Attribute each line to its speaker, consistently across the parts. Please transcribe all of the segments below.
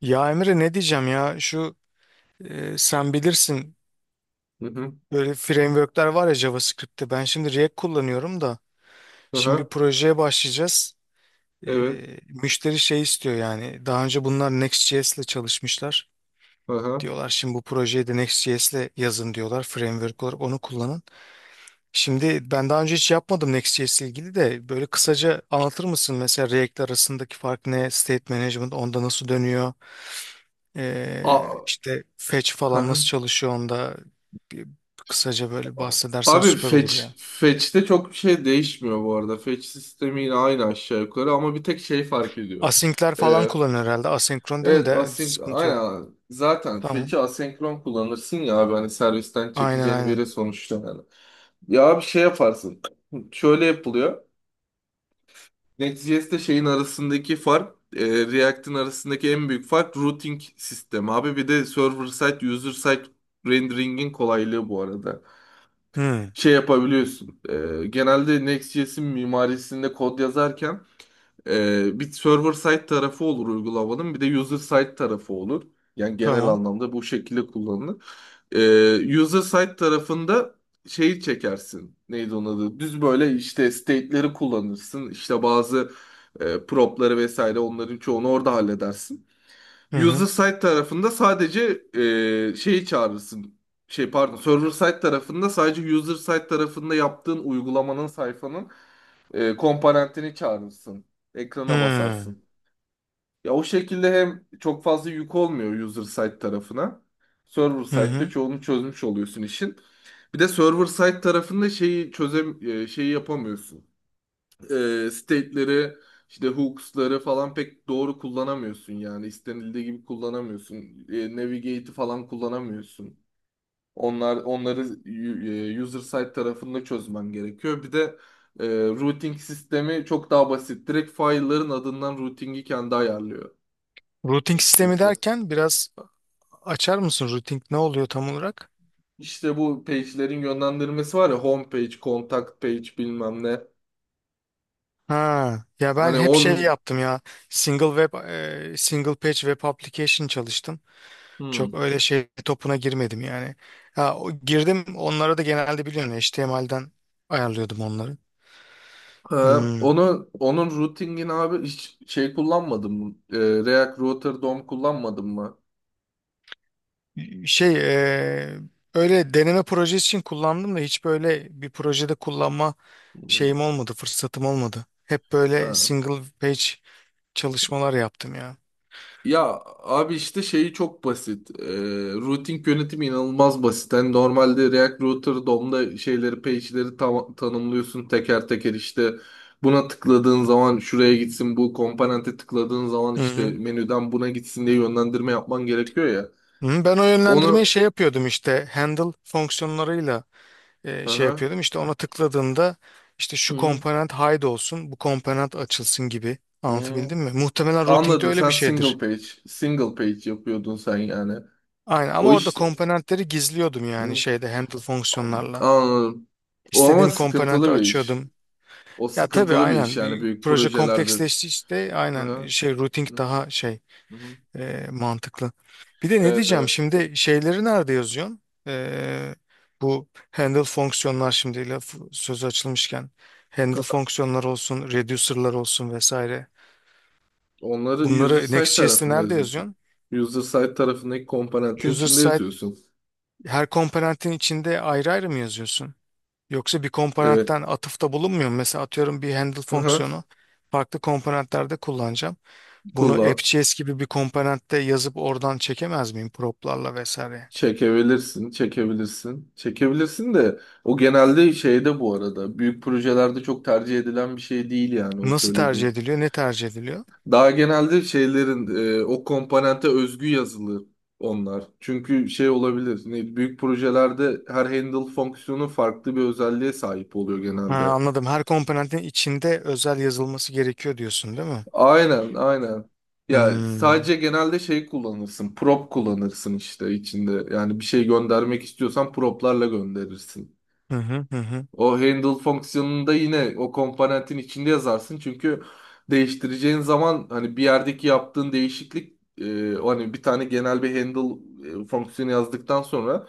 Speaker 1: Ya Emre ne diyeceğim ya şu sen bilirsin
Speaker 2: Hı hı.
Speaker 1: böyle frameworkler var ya JavaScript'te ben şimdi React kullanıyorum da şimdi bir
Speaker 2: Aha,
Speaker 1: projeye başlayacağız. E,
Speaker 2: evet.
Speaker 1: Müşteri şey istiyor yani daha önce bunlar Next.js ile çalışmışlar.
Speaker 2: Aha.
Speaker 1: Diyorlar şimdi bu projeyi de Next.js ile yazın diyorlar framework olarak onu kullanın. Şimdi ben daha önce hiç yapmadım Next.js ile ilgili de böyle kısaca anlatır mısın mesela React arasındaki fark ne? State management onda nasıl dönüyor?
Speaker 2: A
Speaker 1: İşte fetch falan
Speaker 2: aha.
Speaker 1: nasıl çalışıyor onda bir kısaca böyle bahsedersen
Speaker 2: Abi
Speaker 1: süper olur
Speaker 2: fetch
Speaker 1: ya.
Speaker 2: fetch'te çok bir şey değişmiyor bu arada. Fetch sistemi yine aynı aşağı yukarı ama bir tek şey fark ediyor.
Speaker 1: Async'ler falan
Speaker 2: Ee,
Speaker 1: kullanıyor herhalde. Asenkron değil mi
Speaker 2: evet,
Speaker 1: de
Speaker 2: async
Speaker 1: sıkıntı yok.
Speaker 2: aynen zaten
Speaker 1: Tamam.
Speaker 2: fetch'i asenkron kullanırsın ya abi hani servisten
Speaker 1: Aynen
Speaker 2: çekeceğin
Speaker 1: aynen.
Speaker 2: veri sonuçta yani. Ya bir şey yaparsın. Şöyle yapılıyor. Neticesinde şeyin arasındaki fark, React'in arasındaki en büyük fark routing sistemi abi. Bir de server side, user side rendering'in kolaylığı bu arada.
Speaker 1: Hı,
Speaker 2: Şey yapabiliyorsun. Genelde Next.js'in mimarisinde kod yazarken bir server side tarafı olur uygulamanın, bir de user side tarafı olur. Yani genel
Speaker 1: tamam.
Speaker 2: anlamda bu şekilde kullanılır. User side tarafında şeyi çekersin. Neydi onun adı? Düz böyle işte state'leri kullanırsın. İşte bazı prop'ları vesaire onların çoğunu orada halledersin.
Speaker 1: Hı
Speaker 2: User
Speaker 1: hı.
Speaker 2: side tarafında sadece şeyi çağırırsın. Şey pardon, server side tarafında sadece user side tarafında yaptığın uygulamanın sayfanın komponentini çağırırsın. Ekrana
Speaker 1: Hı
Speaker 2: basarsın. Ya o şekilde hem çok fazla yük olmuyor user side tarafına. Server
Speaker 1: hı.
Speaker 2: side'de
Speaker 1: Hı.
Speaker 2: çoğunu çözmüş oluyorsun işin. Bir de server side tarafında şeyi yapamıyorsun. State'leri işte hooks'ları falan pek doğru kullanamıyorsun yani istenildiği gibi kullanamıyorsun. Navigate'i falan kullanamıyorsun. Onları user side tarafında çözmen gerekiyor. Bir de routing sistemi çok daha basit. Direkt file'ların adından routing'i kendi ayarlıyor.
Speaker 1: Routing sistemi
Speaker 2: XCS'de.
Speaker 1: derken biraz açar mısın? Routing ne oluyor tam olarak?
Speaker 2: İşte bu page'lerin yönlendirmesi var ya home page, contact page bilmem ne.
Speaker 1: Ha, ya ben
Speaker 2: Hani
Speaker 1: hep şey
Speaker 2: on
Speaker 1: yaptım ya. Single web, Single page web application çalıştım. Çok
Speaker 2: Hmm.
Speaker 1: öyle şey topuna girmedim yani. Ha, girdim onlara da genelde biliyorsun HTML'den ayarlıyordum onları.
Speaker 2: Ha,
Speaker 1: Hmm.
Speaker 2: onun routing'ini abi hiç şey kullanmadım. React Router DOM kullanmadım mı?
Speaker 1: Şey e, öyle deneme projesi için kullandım da hiç böyle bir projede kullanma
Speaker 2: Hmm.
Speaker 1: şeyim olmadı, fırsatım olmadı. Hep böyle
Speaker 2: Ha.
Speaker 1: single page çalışmalar yaptım ya.
Speaker 2: Ya abi işte şeyi çok basit. Routing yönetimi inanılmaz basit. Yani normalde React Router DOM'da şeyleri, page'leri tanımlıyorsun teker teker işte buna tıkladığın zaman şuraya gitsin, bu komponente tıkladığın zaman
Speaker 1: Hı
Speaker 2: işte
Speaker 1: hı.
Speaker 2: menüden buna gitsin diye yönlendirme yapman gerekiyor ya.
Speaker 1: Hı, ben o yönlendirmeyi
Speaker 2: Onu
Speaker 1: şey yapıyordum işte handle fonksiyonlarıyla
Speaker 2: hı
Speaker 1: şey
Speaker 2: hı,
Speaker 1: yapıyordum. İşte ona tıkladığımda işte şu
Speaker 2: hı
Speaker 1: komponent hide olsun, bu komponent açılsın gibi.
Speaker 2: hı.
Speaker 1: Anlatabildim mi? Muhtemelen routing'de
Speaker 2: Anladım.
Speaker 1: öyle
Speaker 2: Sen
Speaker 1: bir şeydir.
Speaker 2: single page yapıyordun sen yani.
Speaker 1: Aynen ama
Speaker 2: O
Speaker 1: orada
Speaker 2: işte.
Speaker 1: komponentleri gizliyordum yani
Speaker 2: Hı.
Speaker 1: şeyde handle fonksiyonlarla.
Speaker 2: Anladım. O ama
Speaker 1: İstediğim komponenti
Speaker 2: sıkıntılı bir iş.
Speaker 1: açıyordum.
Speaker 2: O
Speaker 1: Ya tabii
Speaker 2: sıkıntılı bir iş
Speaker 1: aynen
Speaker 2: yani büyük
Speaker 1: proje
Speaker 2: projelerde.
Speaker 1: kompleksleşti işte
Speaker 2: Hı
Speaker 1: aynen
Speaker 2: hı.
Speaker 1: şey routing daha şey
Speaker 2: Hı hı.
Speaker 1: mantıklı. Bir de ne
Speaker 2: Evet,
Speaker 1: diyeceğim
Speaker 2: evet.
Speaker 1: şimdi şeyleri nerede yazıyorsun? Bu handle fonksiyonlar şimdi laf sözü açılmışken handle fonksiyonlar olsun, reducer'lar olsun vesaire.
Speaker 2: Onları user
Speaker 1: Bunları
Speaker 2: side
Speaker 1: Next.js'te
Speaker 2: tarafında
Speaker 1: nerede
Speaker 2: yazıyorsun.
Speaker 1: yazıyorsun?
Speaker 2: User side tarafındaki komponentin
Speaker 1: User
Speaker 2: içinde
Speaker 1: side
Speaker 2: yazıyorsun.
Speaker 1: her komponentin içinde ayrı ayrı mı yazıyorsun? Yoksa bir
Speaker 2: Evet.
Speaker 1: komponentten atıfta bulunmuyor mu? Mesela atıyorum bir handle
Speaker 2: Hı hı.
Speaker 1: fonksiyonu farklı komponentlerde kullanacağım. Bunu
Speaker 2: Kullan.
Speaker 1: AppJS gibi bir komponentte yazıp oradan çekemez miyim prop'larla vesaire?
Speaker 2: Çekebilirsin, çekebilirsin. Çekebilirsin de o genelde şeyde bu arada. Büyük projelerde çok tercih edilen bir şey değil yani o
Speaker 1: Nasıl tercih
Speaker 2: söylediğin.
Speaker 1: ediliyor? Ne tercih ediliyor?
Speaker 2: Daha genelde şeylerin o komponente özgü yazılı onlar. Çünkü şey olabilir. Ne, büyük projelerde her handle fonksiyonu farklı bir özelliğe sahip oluyor
Speaker 1: Ha,
Speaker 2: genelde.
Speaker 1: anladım. Her komponentin içinde özel yazılması gerekiyor diyorsun, değil mi?
Speaker 2: Aynen, aynen. Ya
Speaker 1: Hmm.
Speaker 2: sadece genelde şey kullanırsın. Prop kullanırsın işte içinde. Yani bir şey göndermek istiyorsan proplarla gönderirsin.
Speaker 1: Hı hı hı hı.
Speaker 2: O handle fonksiyonunda yine o komponentin içinde yazarsın. Çünkü değiştireceğin zaman hani bir yerdeki yaptığın değişiklik o hani bir tane genel bir handle fonksiyonu yazdıktan sonra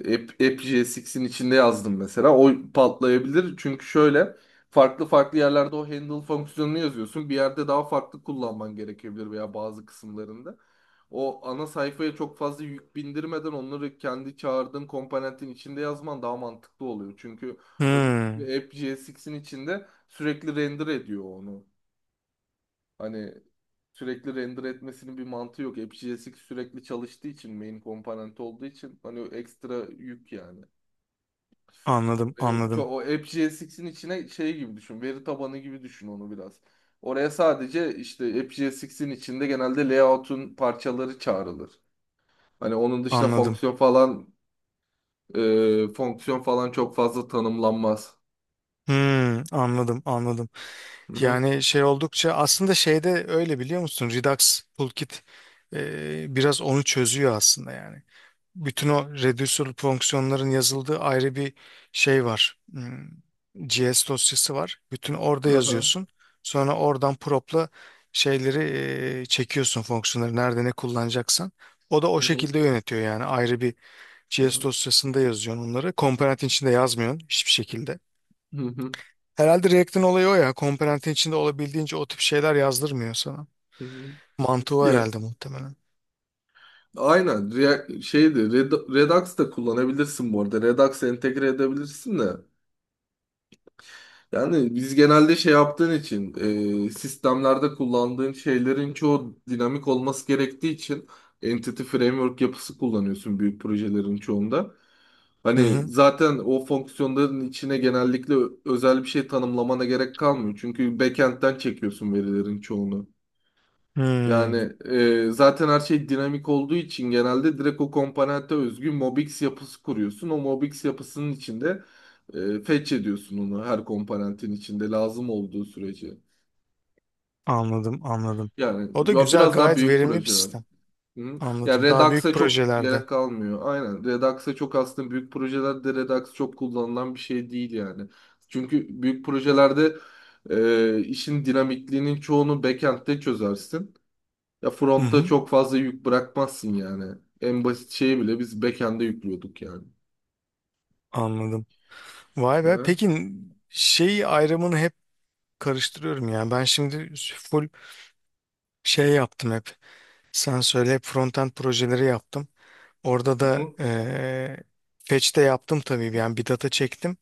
Speaker 2: AppJSX'in içinde yazdım mesela. O patlayabilir. Çünkü şöyle farklı farklı yerlerde o handle fonksiyonunu yazıyorsun. Bir yerde daha farklı kullanman gerekebilir veya bazı kısımlarında. O ana sayfaya çok fazla yük bindirmeden onları kendi çağırdığın komponentin içinde yazman daha mantıklı oluyor. Çünkü
Speaker 1: Hmm.
Speaker 2: öbür- AppJSX'in içinde sürekli render ediyor onu. Hani sürekli render etmesinin bir mantığı yok. AppJSX sürekli çalıştığı için main komponent olduğu için hani ekstra yük yani.
Speaker 1: Anladım, anladım,
Speaker 2: O AppGSX'in içine şey gibi düşün. Veri tabanı gibi düşün onu biraz. Oraya sadece işte AppGSX'in içinde genelde layout'un parçaları çağrılır. Hani onun dışında
Speaker 1: anladım.
Speaker 2: fonksiyon falan çok fazla tanımlanmaz.
Speaker 1: Hmm, anladım, anladım.
Speaker 2: Hı hı.
Speaker 1: Yani şey oldukça aslında şeyde öyle biliyor musun? Redux Toolkit biraz onu çözüyor aslında yani. Bütün o reducer fonksiyonların yazıldığı ayrı bir şey var. Hmm, JS dosyası var. Bütün orada
Speaker 2: Aha.
Speaker 1: yazıyorsun. Sonra oradan prop'la şeyleri çekiyorsun fonksiyonları nerede ne kullanacaksan. O da o
Speaker 2: Hı hı.
Speaker 1: şekilde yönetiyor yani ayrı bir JS
Speaker 2: Aha.
Speaker 1: dosyasında yazıyorsun onları. Komponentin içinde yazmıyorsun hiçbir şekilde.
Speaker 2: Hı hı.
Speaker 1: Herhalde React'in olayı o ya. Komponentin içinde olabildiğince o tip şeyler yazdırmıyor sana.
Speaker 2: Hı hı.
Speaker 1: Mantığı o
Speaker 2: Ya
Speaker 1: herhalde muhtemelen.
Speaker 2: aynen React, şeydi Redux da kullanabilirsin bu arada. Redux entegre edebilirsin de. Yani biz genelde şey yaptığın için sistemlerde kullandığın şeylerin çoğu dinamik olması gerektiği için Entity Framework yapısı kullanıyorsun büyük projelerin çoğunda.
Speaker 1: Hı
Speaker 2: Hani
Speaker 1: hı.
Speaker 2: zaten o fonksiyonların içine genellikle özel bir şey tanımlamana gerek kalmıyor. Çünkü backend'den çekiyorsun verilerin çoğunu. Yani
Speaker 1: Hmm,
Speaker 2: zaten her şey dinamik olduğu için genelde direkt o komponente özgü Mobix yapısı kuruyorsun. O Mobix yapısının içinde fetch ediyorsun onu her komponentin içinde lazım olduğu sürece.
Speaker 1: anladım, anladım.
Speaker 2: Yani
Speaker 1: O da
Speaker 2: ya
Speaker 1: güzel,
Speaker 2: biraz daha
Speaker 1: gayet
Speaker 2: büyük
Speaker 1: verimli bir
Speaker 2: projeler.
Speaker 1: sistem.
Speaker 2: Hı. Ya
Speaker 1: Anladım. Daha büyük
Speaker 2: Redux'a çok
Speaker 1: projelerde.
Speaker 2: gerek kalmıyor. Aynen Redux'a çok aslında büyük projelerde Redux çok kullanılan bir şey değil yani. Çünkü büyük projelerde işin dinamikliğinin çoğunu backend'de çözersin. Ya
Speaker 1: Hı
Speaker 2: frontta
Speaker 1: hı.
Speaker 2: çok fazla yük bırakmazsın yani. En basit şeyi bile biz backend'e yüklüyorduk yani.
Speaker 1: Anladım. Vay be.
Speaker 2: Ha?
Speaker 1: Peki şey ayrımını hep karıştırıyorum yani. Ben şimdi full şey yaptım hep. Sen söyle hep frontend projeleri yaptım. Orada
Speaker 2: Hı
Speaker 1: da
Speaker 2: hı.
Speaker 1: fetch'te yaptım tabii. Yani bir data çektim.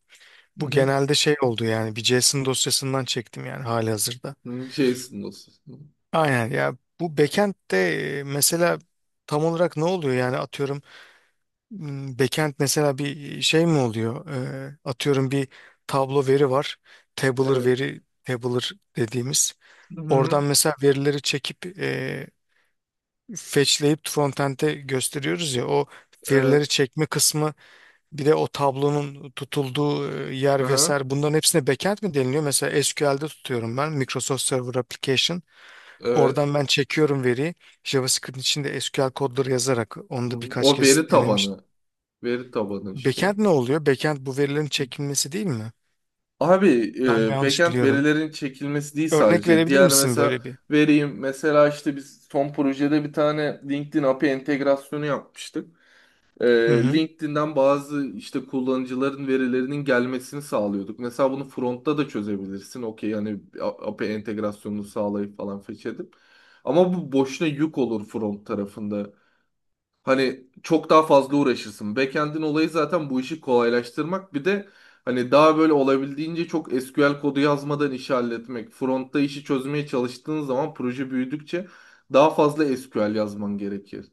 Speaker 1: Bu
Speaker 2: Hı
Speaker 1: genelde şey oldu yani bir JSON dosyasından çektim yani halihazırda.
Speaker 2: hı. JSON dosyası.
Speaker 1: Aynen ya bu backend'de mesela tam olarak ne oluyor yani atıyorum backend mesela bir şey mi oluyor? Atıyorum bir tablo veri var. Tabular
Speaker 2: Evet.
Speaker 1: veri, tabular dediğimiz.
Speaker 2: Hı hı.
Speaker 1: Oradan mesela verileri çekip fetchleyip frontend'e gösteriyoruz ya o
Speaker 2: Evet.
Speaker 1: verileri çekme kısmı. Bir de o tablonun tutulduğu yer
Speaker 2: Aha.
Speaker 1: vesaire bunların hepsine backend mi deniliyor? Mesela SQL'de tutuyorum ben Microsoft Server Application.
Speaker 2: Evet.
Speaker 1: Oradan ben çekiyorum veriyi. JavaScript içinde SQL kodları yazarak onu
Speaker 2: Hı.
Speaker 1: da birkaç
Speaker 2: O
Speaker 1: kez
Speaker 2: veri
Speaker 1: denemiştim.
Speaker 2: tabanı. Veri tabanı işte o.
Speaker 1: Backend ne oluyor? Backend bu verilerin çekilmesi değil mi?
Speaker 2: Abi
Speaker 1: Ben mi yanlış
Speaker 2: backend
Speaker 1: biliyorum.
Speaker 2: verilerin çekilmesi değil
Speaker 1: Örnek
Speaker 2: sadece.
Speaker 1: verebilir
Speaker 2: Diğer
Speaker 1: misin
Speaker 2: mesela
Speaker 1: böyle bir?
Speaker 2: vereyim. Mesela işte biz son projede bir tane LinkedIn API entegrasyonu yapmıştık. e,
Speaker 1: Hı hı.
Speaker 2: LinkedIn'den bazı işte kullanıcıların verilerinin gelmesini sağlıyorduk. Mesela bunu frontta da çözebilirsin. Okey yani API entegrasyonunu sağlayıp falan fetch edip. Ama bu boşuna yük olur front tarafında. Hani çok daha fazla uğraşırsın. Backend'in olayı zaten bu işi kolaylaştırmak. Bir de hani daha böyle olabildiğince çok SQL kodu yazmadan işi halletmek. Frontta işi çözmeye çalıştığın zaman proje büyüdükçe daha fazla SQL yazman gerekir.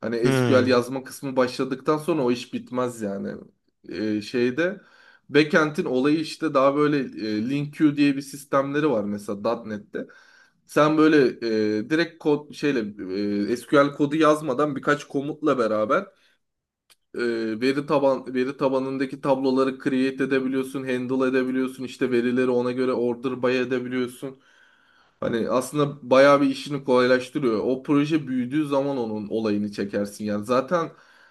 Speaker 2: Hani SQL
Speaker 1: Hmm.
Speaker 2: yazma kısmı başladıktan sonra o iş bitmez yani. Şeyde backend'in olayı işte daha böyle link-queue diye bir sistemleri var mesela .NET'te. Sen böyle direkt kod şeyle SQL kodu yazmadan birkaç komutla beraber e, veri tabanındaki tabloları create edebiliyorsun, handle edebiliyorsun, işte verileri ona göre order by edebiliyorsun. Hani aslında bayağı bir işini kolaylaştırıyor. O proje büyüdüğü zaman onun olayını çekersin yani. Zaten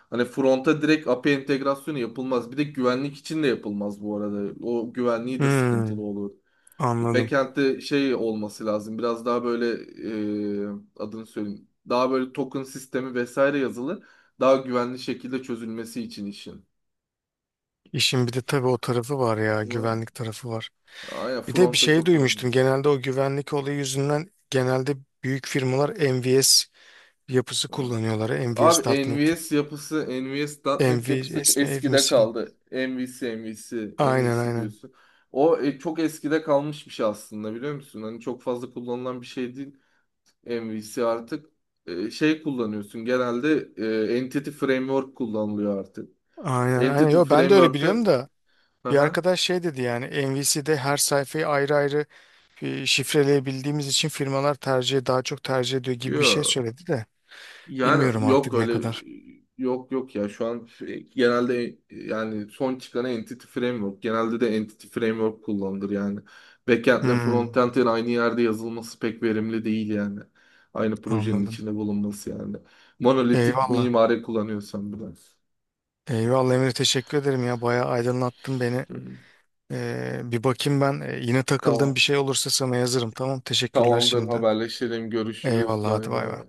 Speaker 2: hani fronta direkt API entegrasyonu yapılmaz. Bir de güvenlik için de yapılmaz bu arada. O güvenliği de
Speaker 1: Hmm.
Speaker 2: sıkıntılı olur.
Speaker 1: Anladım.
Speaker 2: Backend'de şey olması lazım. Biraz daha böyle e, adını söyleyeyim. Daha böyle token sistemi vesaire yazılı. Daha güvenli şekilde çözülmesi için işin.
Speaker 1: İşin bir de tabii o tarafı var ya,
Speaker 2: Ama
Speaker 1: güvenlik tarafı var.
Speaker 2: Aynen
Speaker 1: Bir de bir
Speaker 2: frontta
Speaker 1: şey
Speaker 2: çok güvenli.
Speaker 1: duymuştum. Genelde o güvenlik olayı yüzünden genelde büyük firmalar MVS yapısı
Speaker 2: Evet.
Speaker 1: kullanıyorlar.
Speaker 2: Abi
Speaker 1: MVS.net.
Speaker 2: NVS yapısı, NVS.NET yapısı çok
Speaker 1: MVS mi ev
Speaker 2: eskide
Speaker 1: misin?
Speaker 2: kaldı. MVC, MVC,
Speaker 1: Aynen
Speaker 2: MVC
Speaker 1: aynen.
Speaker 2: diyorsun. O çok eskide kalmış bir şey aslında biliyor musun? Hani çok fazla kullanılan bir şey değil MVC artık. Şey kullanıyorsun genelde Entity Framework kullanılıyor artık.
Speaker 1: Aynen aynen.
Speaker 2: Entity
Speaker 1: Yo, ben de öyle
Speaker 2: Framework'te...
Speaker 1: biliyorum da bir
Speaker 2: Aha,
Speaker 1: arkadaş şey dedi yani MVC'de her sayfayı ayrı ayrı şifreleyebildiğimiz için firmalar tercih daha çok tercih ediyor gibi bir şey
Speaker 2: yo.
Speaker 1: söyledi de
Speaker 2: Yani
Speaker 1: bilmiyorum
Speaker 2: yok
Speaker 1: artık ne
Speaker 2: öyle
Speaker 1: kadar.
Speaker 2: yok yok ya şu an genelde yani son çıkan Entity Framework genelde de Entity Framework kullanılır yani. Backend'le
Speaker 1: Hmm,
Speaker 2: frontend'in aynı yerde yazılması pek verimli değil yani. Aynı projenin
Speaker 1: anladım.
Speaker 2: içinde bulunması yani. Monolitik
Speaker 1: Eyvallah.
Speaker 2: mimari kullanıyorsan biraz.
Speaker 1: Eyvallah Emre teşekkür ederim ya bayağı aydınlattın beni.
Speaker 2: Hı hı.
Speaker 1: Bir bakayım ben. Yine takıldığım bir
Speaker 2: Tamam.
Speaker 1: şey olursa sana yazarım. Tamam. Teşekkürler
Speaker 2: Tamamdır
Speaker 1: şimdiden.
Speaker 2: haberleşelim görüşürüz
Speaker 1: Eyvallah. Hadi
Speaker 2: bay
Speaker 1: bay bay.
Speaker 2: bay.